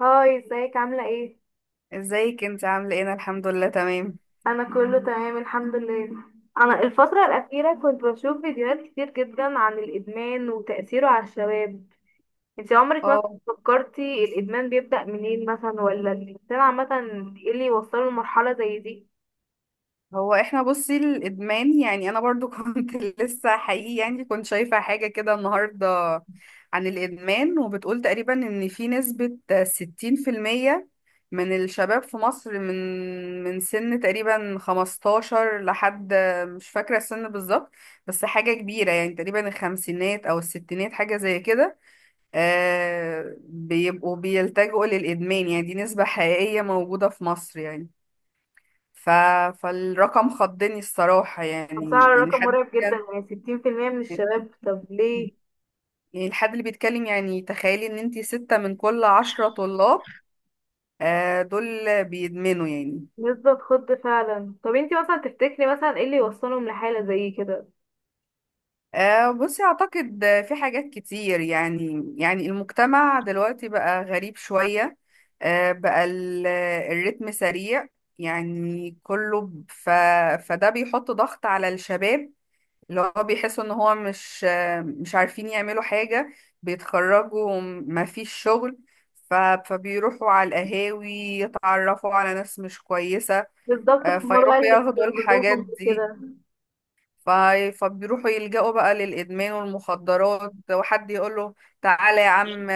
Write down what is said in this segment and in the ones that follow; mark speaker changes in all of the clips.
Speaker 1: هاي، ازيك عاملة ايه؟
Speaker 2: ازيك انت عامله ايه؟ انا الحمد لله تمام.
Speaker 1: انا كله تمام الحمد لله. انا الفترة الاخيرة كنت بشوف فيديوهات كتير جدا عن الادمان وتأثيره على الشباب. انت عمرك ما
Speaker 2: اه،
Speaker 1: فكرتي الادمان بيبدأ منين مثلا ولا الانسان عامة ايه اللي يوصله لمرحلة زي دي؟
Speaker 2: هو احنا بصي الادمان، يعني انا برضو كنت لسه حقيقي، يعني كنت شايفه حاجه كده النهارده عن الادمان وبتقول تقريبا ان في نسبه 60% من الشباب في مصر من سن تقريبا 15 لحد، مش فاكره السن بالظبط، بس حاجه كبيره يعني تقريبا الخمسينات او الستينات حاجه زي كده. آه، بيبقوا بيلجأوا للإدمان. يعني دي نسبة حقيقية موجودة في مصر يعني. ف... فالرقم خضني الصراحة،
Speaker 1: بصراحة
Speaker 2: يعني يعني
Speaker 1: الرقم
Speaker 2: حد
Speaker 1: مرعب جدا،
Speaker 2: كان
Speaker 1: يعني ستين في المية من الشباب؟ طب ليه؟
Speaker 2: يعني الحد اللي بيتكلم، يعني تخيلي ان انتي ستة من كل عشرة طلاب آه دول بيدمنوا يعني.
Speaker 1: نسبة خض فعلا. طب انت مثلا تفتكري مثلا ايه اللي يوصلهم لحالة زي كده؟
Speaker 2: بصي أعتقد في حاجات كتير، يعني يعني المجتمع دلوقتي بقى غريب شوية. بقى الريتم سريع. يعني كله ب- ف فده بيحط ضغط على الشباب، اللي هو بيحسوا إن هو مش عارفين يعملوا حاجة. بيتخرجوا ما فيش شغل، فبيروحوا على القهاوي، يتعرفوا على ناس مش كويسة.
Speaker 1: بالظبط، هما بقى
Speaker 2: فيروحوا
Speaker 1: اللي
Speaker 2: ياخدوا الحاجات
Speaker 1: بيربطوهم
Speaker 2: دي.
Speaker 1: بكده.
Speaker 2: ف- فبيروحوا يلجأوا بقى للإدمان والمخدرات، وحد يقوله تعالى يا عم،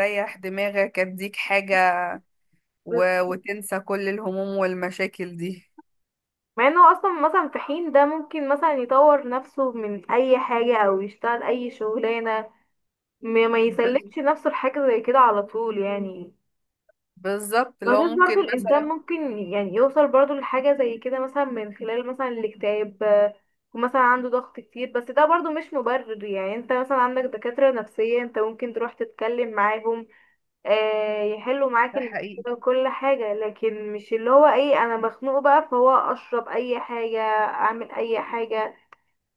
Speaker 2: ريح دماغك، اديك حاجة وتنسى كل الهموم والمشاكل دي.
Speaker 1: مع انه اصلا مثلا في حين ده ممكن مثلا يطور نفسه من اي حاجة او يشتغل اي شغلانة، ما
Speaker 2: بز-
Speaker 1: يسلمش نفسه لحاجة زي كده على طول يعني.
Speaker 2: بالظبط، اللي هو
Speaker 1: بشوف برضو
Speaker 2: ممكن
Speaker 1: الانسان
Speaker 2: مثلا.
Speaker 1: ممكن يعني يوصل برضو لحاجة زي كده مثلا من خلال مثلا الاكتئاب، ومثلا عنده ضغط كتير، بس ده برضو مش مبرر. يعني انت مثلا عندك دكاترة نفسية، انت ممكن تروح تتكلم معاهم، يحلوا معاك
Speaker 2: ده حقيقي.
Speaker 1: المشكلة وكل حاجة. لكن مش اللي هو ايه، انا مخنوق بقى فهو اشرب اي حاجة اعمل اي حاجة.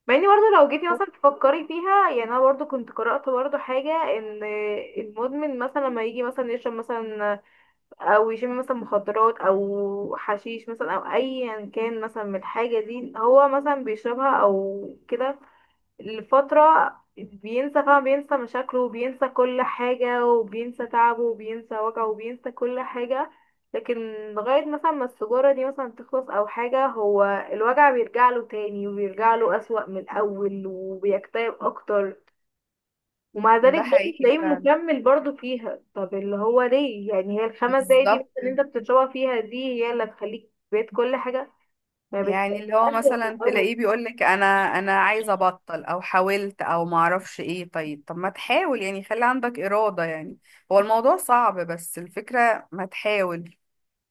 Speaker 1: مع اني برضه لو جيتي مثلا تفكري فيها، يعني انا برضه كنت قرأت برضه حاجة ان المدمن مثلا لما يجي مثلا يشرب مثلا، او يشم مثلا مخدرات او حشيش مثلا او ايا كان مثلا من الحاجة دي، هو مثلا بيشربها او كده لفترة، بينسى فعلا، بينسى مشاكله وبينسى كل حاجة وبينسى تعبه وبينسى وجعه وبينسى كل حاجة. لكن لغاية مثلا ما السجارة دي مثلا تخلص أو حاجة، هو الوجع بيرجع له تاني، وبيرجع له أسوأ من الأول وبيكتئب أكتر. ومع ذلك
Speaker 2: ده
Speaker 1: برضه
Speaker 2: حقيقي
Speaker 1: تلاقيه
Speaker 2: فعلا،
Speaker 1: مكمل برضه فيها. طب اللي هو ليه؟ يعني هي الخمس دقايق دي
Speaker 2: بالظبط.
Speaker 1: مثلا اللي انت بتشربها فيها دي هي اللي هتخليك بقيت كل حاجة ما
Speaker 2: يعني اللي هو
Speaker 1: بتبقاش أسوأ من
Speaker 2: مثلا
Speaker 1: الأول؟
Speaker 2: تلاقيه بيقولك انا عايز ابطل، او حاولت او معرفش ايه، طيب طب ما تحاول، يعني خلي عندك إرادة يعني. هو الموضوع صعب، بس الفكرة ما تحاول.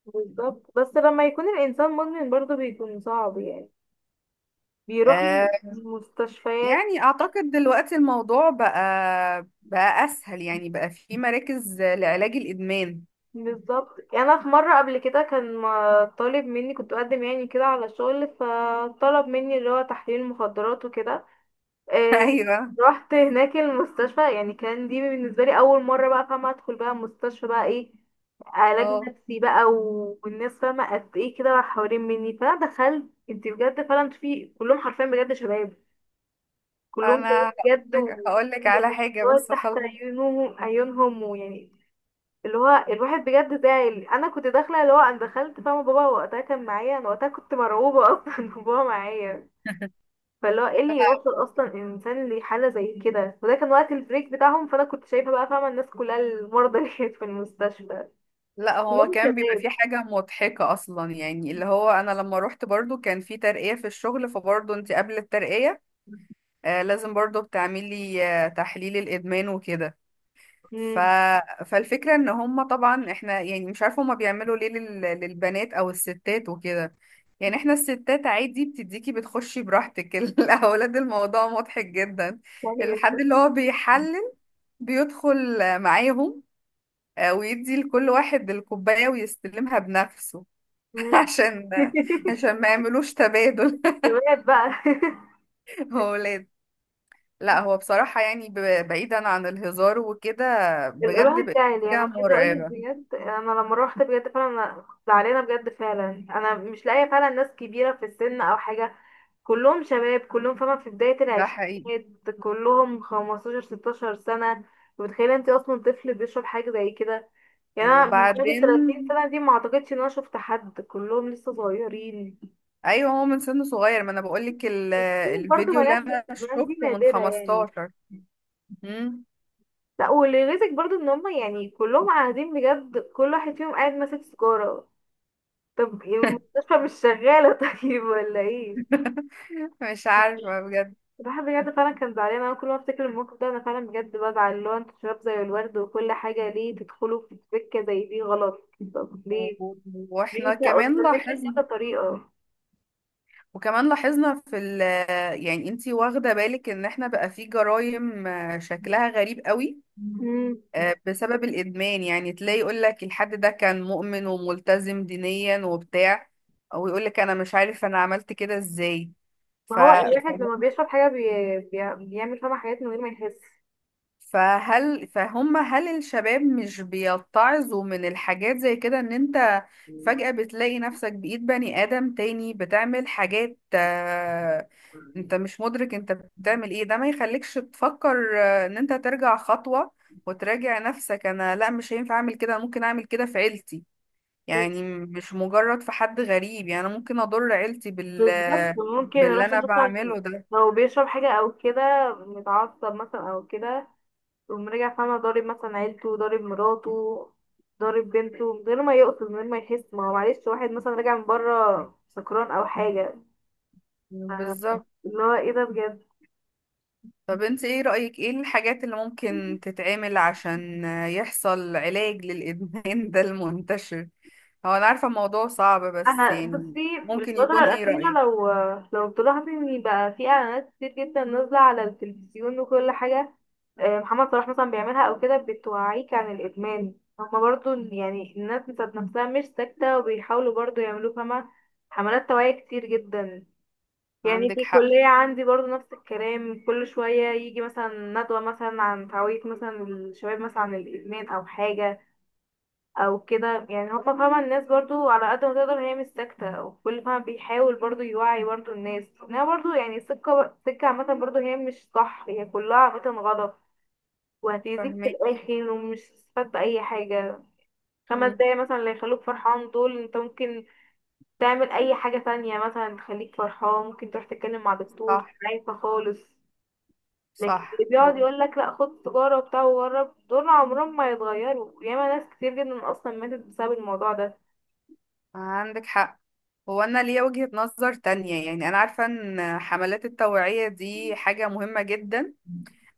Speaker 1: بالظبط. بس لما يكون الإنسان مدمن برضه بيكون صعب يعني. بيروح
Speaker 2: آه،
Speaker 1: مستشفيات.
Speaker 2: يعني اعتقد دلوقتي الموضوع بقى اسهل، يعني بقى في مراكز لعلاج الادمان.
Speaker 1: بالظبط، أنا في مرة قبل كده كان طالب مني، كنت بقدم يعني كده على شغل، فطلب مني اللي هو تحليل مخدرات وكده. إيه،
Speaker 2: ايوه.
Speaker 1: رحت هناك المستشفى، يعني كان دي بالنسبة لي أول مرة بقى فاهمة أدخل بقى مستشفى بقى، إيه، علاج
Speaker 2: اه،
Speaker 1: نفسي بقى، والناس فاهمة قد إيه كده حوالين مني، فأنا دخلت. انت بجد فعلا في كلهم حرفيا بجد شباب، كلهم شباب
Speaker 2: انا هقول
Speaker 1: بجد،
Speaker 2: لك هقول لك على حاجه
Speaker 1: والموضوع
Speaker 2: بس
Speaker 1: تحت
Speaker 2: خلاص.
Speaker 1: عيونهم ويعني اللي هو الواحد بجد زعل. انا كنت داخله، اللي هو انا دخلت فاهمه بابا وقتها كان معايا، انا وقتها كنت مرعوبه اصلا إن بابا معايا. فاللي هو ايه اللي يوصل
Speaker 2: لا.
Speaker 1: اصلا الانسان لحاله زي كده؟ وده كان وقت البريك بتاعهم، فانا كنت شايفه بقى فاهمه الناس كلها المرضى اللي كانت في المستشفى
Speaker 2: لا، هو
Speaker 1: كلهم
Speaker 2: كان بيبقى
Speaker 1: شباب.
Speaker 2: في حاجه مضحكه اصلا، يعني اللي هو انا لما روحت برضو كان في ترقيه في الشغل، فبرضو انت قبل الترقيه آه لازم برضو بتعملي آه تحليل الادمان وكده. ف...
Speaker 1: امم
Speaker 2: فالفكره ان هم طبعا، احنا يعني مش عارفه هم بيعملوا ليه للبنات او الستات وكده. يعني احنا الستات عادي، بتديكي، بتخشي براحتك. الاولاد الموضوع مضحك جدا.
Speaker 1: يعني
Speaker 2: الحد اللي هو بيحلل بيدخل معاهم، آه، ويدي لكل واحد الكوباية ويستلمها بنفسه عشان عشان ما يعملوش تبادل.
Speaker 1: شباب بقى.
Speaker 2: هو ولاد. لا هو بصراحة يعني بعيدا عن الهزار وكده
Speaker 1: يبقى
Speaker 2: بجد
Speaker 1: الواحد
Speaker 2: بقت
Speaker 1: تعالي يعني
Speaker 2: حاجة
Speaker 1: انا عايزه اقول لك
Speaker 2: مرعبة.
Speaker 1: بجد، انا لما روحت بجد فعلا، أنا كنت زعلانه بجد فعلا، انا مش لاقيه فعلا ناس كبيره في السن او حاجه، كلهم شباب، كلهم فاهمه في بدايه
Speaker 2: ده حقيقي.
Speaker 1: العشرينات، كلهم 15 16 سنه. متخيله انت اصلا طفل بيشرب حاجه زي كده؟ يعني انا من بعد ال 30
Speaker 2: وبعدين
Speaker 1: سنه دي ما اعتقدش ان انا شفت حد، كلهم لسه صغيرين.
Speaker 2: ايوه، هو من سن صغير. ما انا بقولك
Speaker 1: برضه
Speaker 2: الفيديو اللي
Speaker 1: بنات، بس
Speaker 2: انا
Speaker 1: البنات دي
Speaker 2: شفته من
Speaker 1: نادره يعني.
Speaker 2: 15. مم.
Speaker 1: لا، واللي يغيظك برضو ان هم يعني كلهم قاعدين بجد، كل واحد فيهم قاعد ماسك سيجارة. طب المستشفى مش شغالة طيب ولا ايه؟
Speaker 2: مش عارفة بجد.
Speaker 1: الواحد بجد فعلا كان زعلان. انا كل ما افتكر الموقف ده انا فعلا بجد بزعل، اللي هو انتوا شباب زي الورد وكل حاجة، ليه تدخلوا في سكة زي دي غلط؟ طب
Speaker 2: و-
Speaker 1: ليه؟
Speaker 2: و-
Speaker 1: ليه
Speaker 2: واحنا
Speaker 1: انت قلت
Speaker 2: كمان لاحظنا،
Speaker 1: كذا طريقة.
Speaker 2: وكمان لاحظنا في ال، يعني انتي واخدة بالك ان احنا بقى في جرائم آه، شكلها غريب قوي،
Speaker 1: مم.
Speaker 2: آه، بسبب الادمان. يعني تلاقي يقول لك الحد ده كان مؤمن وملتزم دينيا وبتاع، ويقول لك انا مش عارف انا عملت كده ازاي.
Speaker 1: ما
Speaker 2: ف...
Speaker 1: هو الواحد لما بيشرب حاجة بيعمل فيها حاجات من غير ما يحس.
Speaker 2: فهل هل الشباب مش بيتعظوا من الحاجات زي كده؟ ان انت فجأة بتلاقي نفسك بإيد بني آدم تاني بتعمل حاجات، آه، انت مش مدرك انت بتعمل ايه. ده ما يخليكش تفكر، آه، ان انت ترجع خطوة وتراجع نفسك؟ انا لا، مش هينفع اعمل كده، أنا ممكن اعمل كده في عيلتي. يعني مش مجرد في حد غريب، يعني أنا ممكن اضر عيلتي
Speaker 1: بالظبط، ممكن
Speaker 2: باللي
Speaker 1: الواحد
Speaker 2: انا
Speaker 1: مثلا
Speaker 2: بعمله ده.
Speaker 1: لو بيشرب حاجة أو كده، متعصب مثلا أو كده، يقوم رجع فاهمة ضارب مثلا عيلته، ضارب مراته، ضارب بنته من غير ما يقصد من غير ما يحس، ما هو معلش واحد مثلا راجع من بره سكران او حاجة.
Speaker 2: بالظبط.
Speaker 1: اللي هو ايه ده بجد.
Speaker 2: طب انت ايه رأيك ايه الحاجات اللي ممكن تتعمل عشان يحصل علاج للإدمان ده المنتشر؟ هو انا عارفة الموضوع صعب، بس
Speaker 1: انا
Speaker 2: يعني
Speaker 1: بصي من
Speaker 2: ممكن
Speaker 1: الفترة
Speaker 2: يكون ايه
Speaker 1: الأخيرة،
Speaker 2: رأيك.
Speaker 1: لو لو تلاحظي ان بقى في اعلانات كتير جدا نازلة على التلفزيون وكل حاجة، محمد صلاح مثلا بيعملها او كده، بتوعيك عن الادمان. هما برضو يعني الناس بتاعت نفسها مش ساكتة، وبيحاولوا برضو يعملوا فاهمة حملات توعية كتير جدا. يعني
Speaker 2: عندك
Speaker 1: في
Speaker 2: حق.
Speaker 1: الكلية عندي برضو نفس الكلام، كل شوية يجي مثلا ندوة مثلا عن تعويض مثلا الشباب مثلا عن الإدمان أو حاجة أو كده. يعني هما فاهمة الناس برضو على قد ما تقدر هي مش ساكتة، وكل فاهمة بيحاول برضو يوعي برضو الناس إنها برضو يعني سكة سكة عامة برضو هي مش صح، هي كلها عامة غلط وهتأذيك في
Speaker 2: فاهمك.
Speaker 1: الآخر، ومش هتستفاد بأي حاجة. خمس
Speaker 2: مم.
Speaker 1: دقايق مثلا اللي يخلوك فرحان دول، انت ممكن تعمل أي حاجة تانية مثلا تخليك فرحان، ممكن تروح تتكلم مع دكتور
Speaker 2: صح.
Speaker 1: عايزة خالص. لكن
Speaker 2: صح
Speaker 1: اللي بيقعد
Speaker 2: هو.
Speaker 1: يقول لك لا خد تجارة وبتاع وجرب، دول عمرهم ما يتغيروا. ياما ناس كتير جدا اصلا ماتت بسبب الموضوع ده،
Speaker 2: عندك حق. هو انا ليا وجهة نظر تانية. يعني انا عارفة ان حملات التوعية دي حاجة مهمة جدا،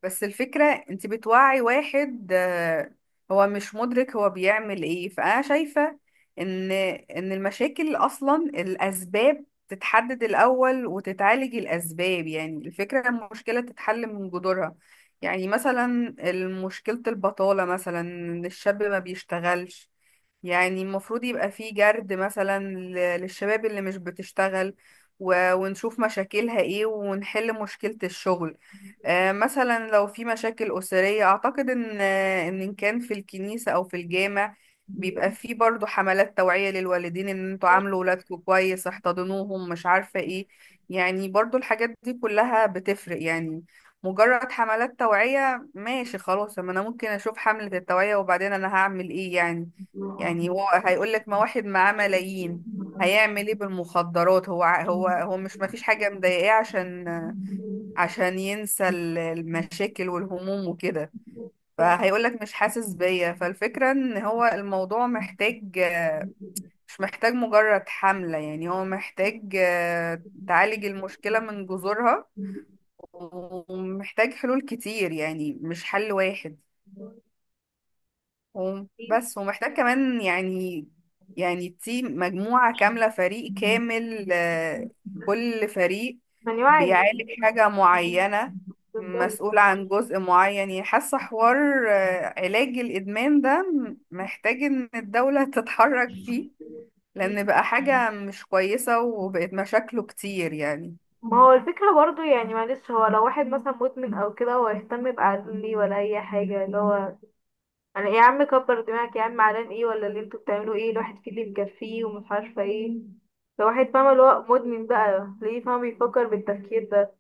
Speaker 2: بس الفكرة انت بتوعي واحد آه، هو مش مدرك هو بيعمل ايه. فأنا شايفة ان المشاكل اصلا الاسباب تتحدد الاول وتتعالج الاسباب. يعني الفكرة المشكلة تتحل من جذورها. يعني مثلا مشكلة البطالة مثلا ان الشاب ما بيشتغلش، يعني المفروض يبقى فيه جرد مثلا للشباب اللي مش بتشتغل، ونشوف مشاكلها ايه ونحل مشكلة الشغل. آه، مثلا لو في مشاكل أسرية أعتقد إن آه، إن كان في الكنيسة أو في الجامع بيبقى فيه برضو حملات توعية للوالدين إن انتوا
Speaker 1: ناس
Speaker 2: عاملوا ولادكم كويس، احتضنوهم، مش عارفة ايه. يعني برضو الحاجات دي كلها بتفرق يعني. مجرد حملات توعية ماشي خلاص، أما أنا ممكن أشوف حملة التوعية وبعدين أنا هعمل ايه يعني. يعني هو هيقول لك ما واحد معاه ملايين، هيعمل ايه بالمخدرات؟ هو هو مش ما فيش حاجة مضايقاه عشان ينسى المشاكل والهموم وكده. فهيقول لك مش حاسس بيا. فالفكرة ان هو الموضوع محتاج، مش محتاج مجرد حملة، يعني هو محتاج آه، تعالج المشكلة من جذورها، ومحتاج حلول كتير يعني مش حل واحد، و-
Speaker 1: كتير.
Speaker 2: بس ومحتاج كمان يعني، يعني تيم، مجموعة كاملة، فريق كامل، آه، كل فريق
Speaker 1: من يوعي الناس؟
Speaker 2: بيعالج حاجة معينة،
Speaker 1: بالظبط.
Speaker 2: مسؤول عن جزء معين. يعني حاسة حوار، آه، علاج الإدمان ده محتاج إن الدولة تتحرك فيه، لأن بقى حاجة مش كويسة وبقت مشاكله كتير يعني.
Speaker 1: ما هو الفكرة برضو يعني معلش، هو لو واحد مثلا مدمن او كده، هو يهتم بعقله ليه؟ ولا اي حاجة اللي هو انا ايه يا عم كبر دماغك يا عم علان، ايه ولا اللي انتوا بتعملوا ايه؟ الواحد فيه اللي مكفيه ومش عارفة ايه. لو واحد فاهم اللي هو مدمن، بقى ليه فاهم يفكر بالتفكير ده؟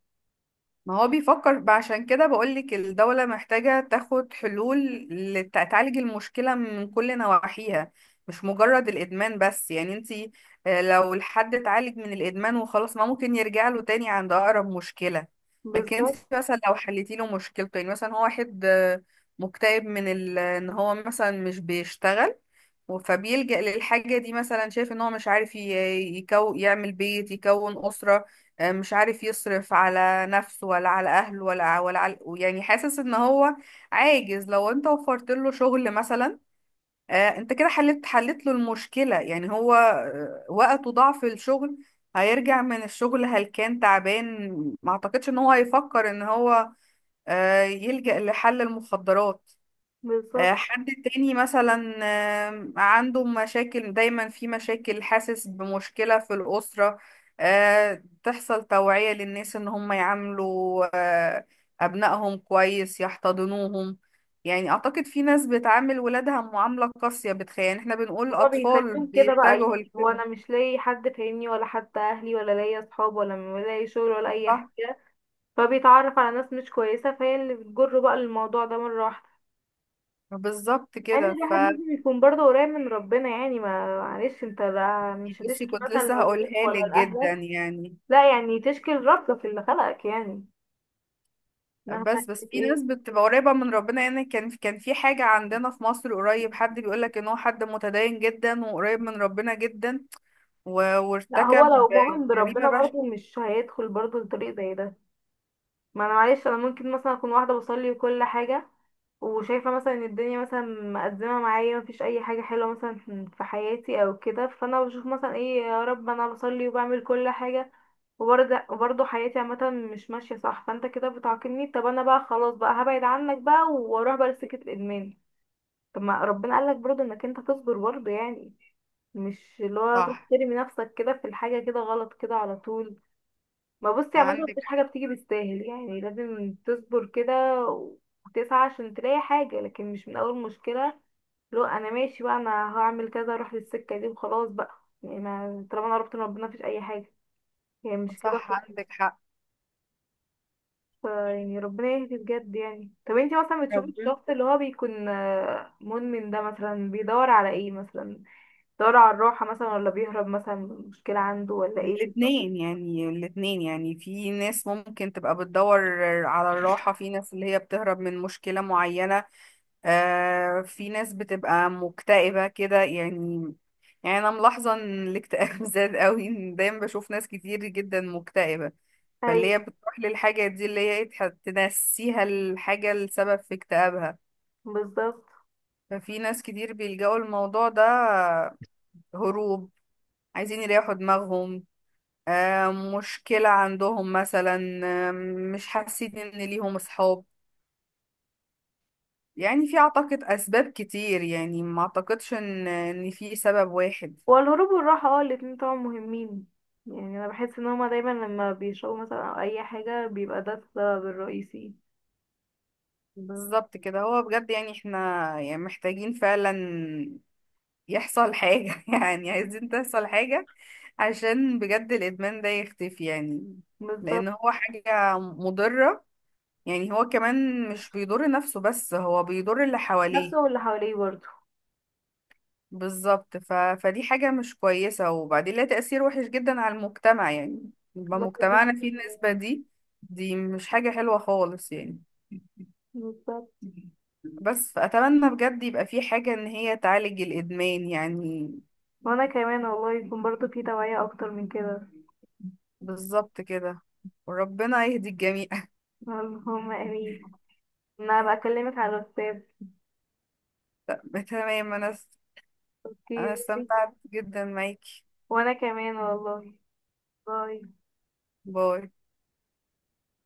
Speaker 2: ما هو بيفكر بقى، عشان كده بقولك الدولة محتاجة تاخد حلول تعالج المشكلة من كل نواحيها، مش مجرد الإدمان بس. يعني انتي آه، لو الحد اتعالج من الإدمان وخلاص، ما ممكن يرجع له تاني عند أقرب مشكلة. لكن انتي
Speaker 1: بالظبط.
Speaker 2: مثلا لو حليتي له مشكلته، يعني مثلا هو واحد آه، مكتئب من ان هو مثلا مش بيشتغل، فبيلجأ للحاجة دي. مثلا شايف ان هو مش عارف ي- يكو يعمل بيت، يكون أسرة، آه، مش عارف يصرف على نفسه ولا على أهله ولا على، يعني حاسس ان هو عاجز. لو انت وفرت له شغل مثلا، آه، انت كده حلت له المشكلة. يعني هو آه، وقته ضعف الشغل، هيرجع من الشغل هلكان تعبان، ما اعتقدش ان هو هيفكر ان هو آه، يلجأ لحل المخدرات. آه،
Speaker 1: بالظبط،
Speaker 2: حد تاني مثلا آه، عنده مشاكل دايما، في مشاكل، حاسس بمشكلة في الأسرة، آه، تحصل توعية للناس إن هم يعاملوا آه، أبنائهم كويس، يحتضنوهم. يعني أعتقد في ناس بتعامل ولادها معاملة قاسية، بتخيل يعني إحنا بنقول
Speaker 1: هو
Speaker 2: أطفال
Speaker 1: بيخليهم كده بقى،
Speaker 2: بيتجهوا
Speaker 1: يعني هو
Speaker 2: لكده.
Speaker 1: انا مش لاقي حد فاهمني ولا حتى اهلي، ولا لاقي اصحاب، ولا لاقي شغل، ولا اي
Speaker 2: صح.
Speaker 1: حاجه، فبيتعرف على ناس مش كويسه، فهي اللي بتجره بقى الموضوع ده مره واحده.
Speaker 2: بالظبط
Speaker 1: يعني
Speaker 2: كده. ف،
Speaker 1: الواحد لازم يكون برضه قريب من ربنا. يعني ما معلش انت، لا مش
Speaker 2: بصي
Speaker 1: هتشكي
Speaker 2: كنت
Speaker 1: مثلا
Speaker 2: لسه
Speaker 1: لابوك
Speaker 2: هقولها
Speaker 1: ولا
Speaker 2: لك جدا
Speaker 1: لاهلك،
Speaker 2: يعني.
Speaker 1: لا يعني تشكي لربك اللي خلقك، يعني مهما
Speaker 2: بس بس
Speaker 1: كانت
Speaker 2: في ناس
Speaker 1: ايه.
Speaker 2: بتبقى قريبة من ربنا، يعني كان كان في حاجة عندنا في مصر قريب، حد بيقولك ان هو حد متدين جدا وقريب من ربنا جدا، و...
Speaker 1: لا، هو
Speaker 2: وارتكب
Speaker 1: لو مؤمن
Speaker 2: جريمة
Speaker 1: بربنا برضه
Speaker 2: بشعة.
Speaker 1: مش هيدخل برضه لطريق زي ده. ما انا معلش، انا ممكن مثلا اكون واحده بصلي وكل حاجه، وشايفة مثلا ان الدنيا مثلا مقدمة معايا، مفيش اي حاجة حلوة مثلا في حياتي او كده، فانا بشوف مثلا ايه يا رب انا بصلي وبعمل كل حاجة، وبرضه حياتي عامة مش ماشية صح، فانت كده بتعاقبني. طب انا بقى خلاص بقى هبعد عنك بقى واروح بقى لسكة الادمان. طب ما ربنا قالك برضه انك انت تصبر برضه يعني، مش اللي هو تروح
Speaker 2: صح
Speaker 1: ترمي نفسك كده في الحاجة كده غلط كده على طول. ما بصي، عامة
Speaker 2: عندك
Speaker 1: مفيش حاجة بتيجي بالساهل، يعني لازم تصبر كده وتسعى عشان تلاقي حاجة، لكن مش من أول مشكلة لو أنا ماشي بقى أنا هعمل كذا أروح للسكة دي وخلاص بقى. يعني ما طالما أنا قربت من ربنا مفيش أي حاجة، يعني مش كده
Speaker 2: صح
Speaker 1: خالص.
Speaker 2: عندك حق.
Speaker 1: يعني ربنا يهدي بجد يعني. طب انتي مثلا بتشوفي
Speaker 2: ربنا.
Speaker 1: الشخص اللي هو بيكون، مدمن ده مثلا بيدور على ايه مثلا؟ بيدور على الراحة مثلا ولا بيهرب مثلا من مشكلة عنده ولا ايه؟
Speaker 2: الاتنين يعني، الاتنين يعني في ناس ممكن تبقى بتدور على الراحة، في ناس اللي هي بتهرب من مشكلة معينة، آه في ناس بتبقى مكتئبة كده يعني. يعني أنا ملاحظة إن الاكتئاب زاد قوي، إن دايما بشوف ناس كتير جدا مكتئبة، فاللي هي
Speaker 1: ايوه.
Speaker 2: بتروح للحاجة دي اللي هي تنسيها الحاجة السبب في اكتئابها.
Speaker 1: بالظبط،
Speaker 2: ففي ناس كتير بيلجأوا الموضوع ده، هروب، عايزين يريحوا دماغهم، آه، مشكلة عندهم مثلا، آه، مش حاسين إن ليهم أصحاب. يعني في أعتقد أسباب كتير، يعني ما أعتقدش إن في سبب واحد.
Speaker 1: هو الهروب والراحة، الاتنين طبعا مهمين. يعني انا بحس ان هما دايما لما بيشربوا مثلا او اي حاجة بيبقى ده السبب الرئيسي.
Speaker 2: بالظبط كده. هو بجد يعني احنا، يعني محتاجين فعلا يحصل حاجة، يعني عايزين تحصل حاجة عشان بجد الإدمان ده يختفي يعني، لأن
Speaker 1: بالظبط.
Speaker 2: هو حاجة مضرة. يعني هو كمان مش بيضر نفسه بس، هو بيضر اللي
Speaker 1: نفسه
Speaker 2: حواليه.
Speaker 1: واللي حواليه برضه.
Speaker 2: بالظبط فدي حاجة مش كويسة، وبعدين لها تأثير وحش جدا على المجتمع، يعني يبقى
Speaker 1: الله
Speaker 2: مجتمعنا فيه
Speaker 1: يخليك.
Speaker 2: النسبة دي، دي مش حاجة حلوة خالص يعني.
Speaker 1: بالظبط.
Speaker 2: بس فأتمنى بجد يبقى في حاجة إن هي تعالج الإدمان يعني.
Speaker 1: وانا كمان، والله يكون برضه في توعية اكتر من كده.
Speaker 2: بالظبط كده، وربنا يهدي الجميع.
Speaker 1: اللهم امين. انا بكلمك على الواتساب.
Speaker 2: تمام، أنا،
Speaker 1: اوكي،
Speaker 2: أنا
Speaker 1: باي.
Speaker 2: استمتعت جدا معاكي.
Speaker 1: وانا كمان والله، باي.
Speaker 2: باي.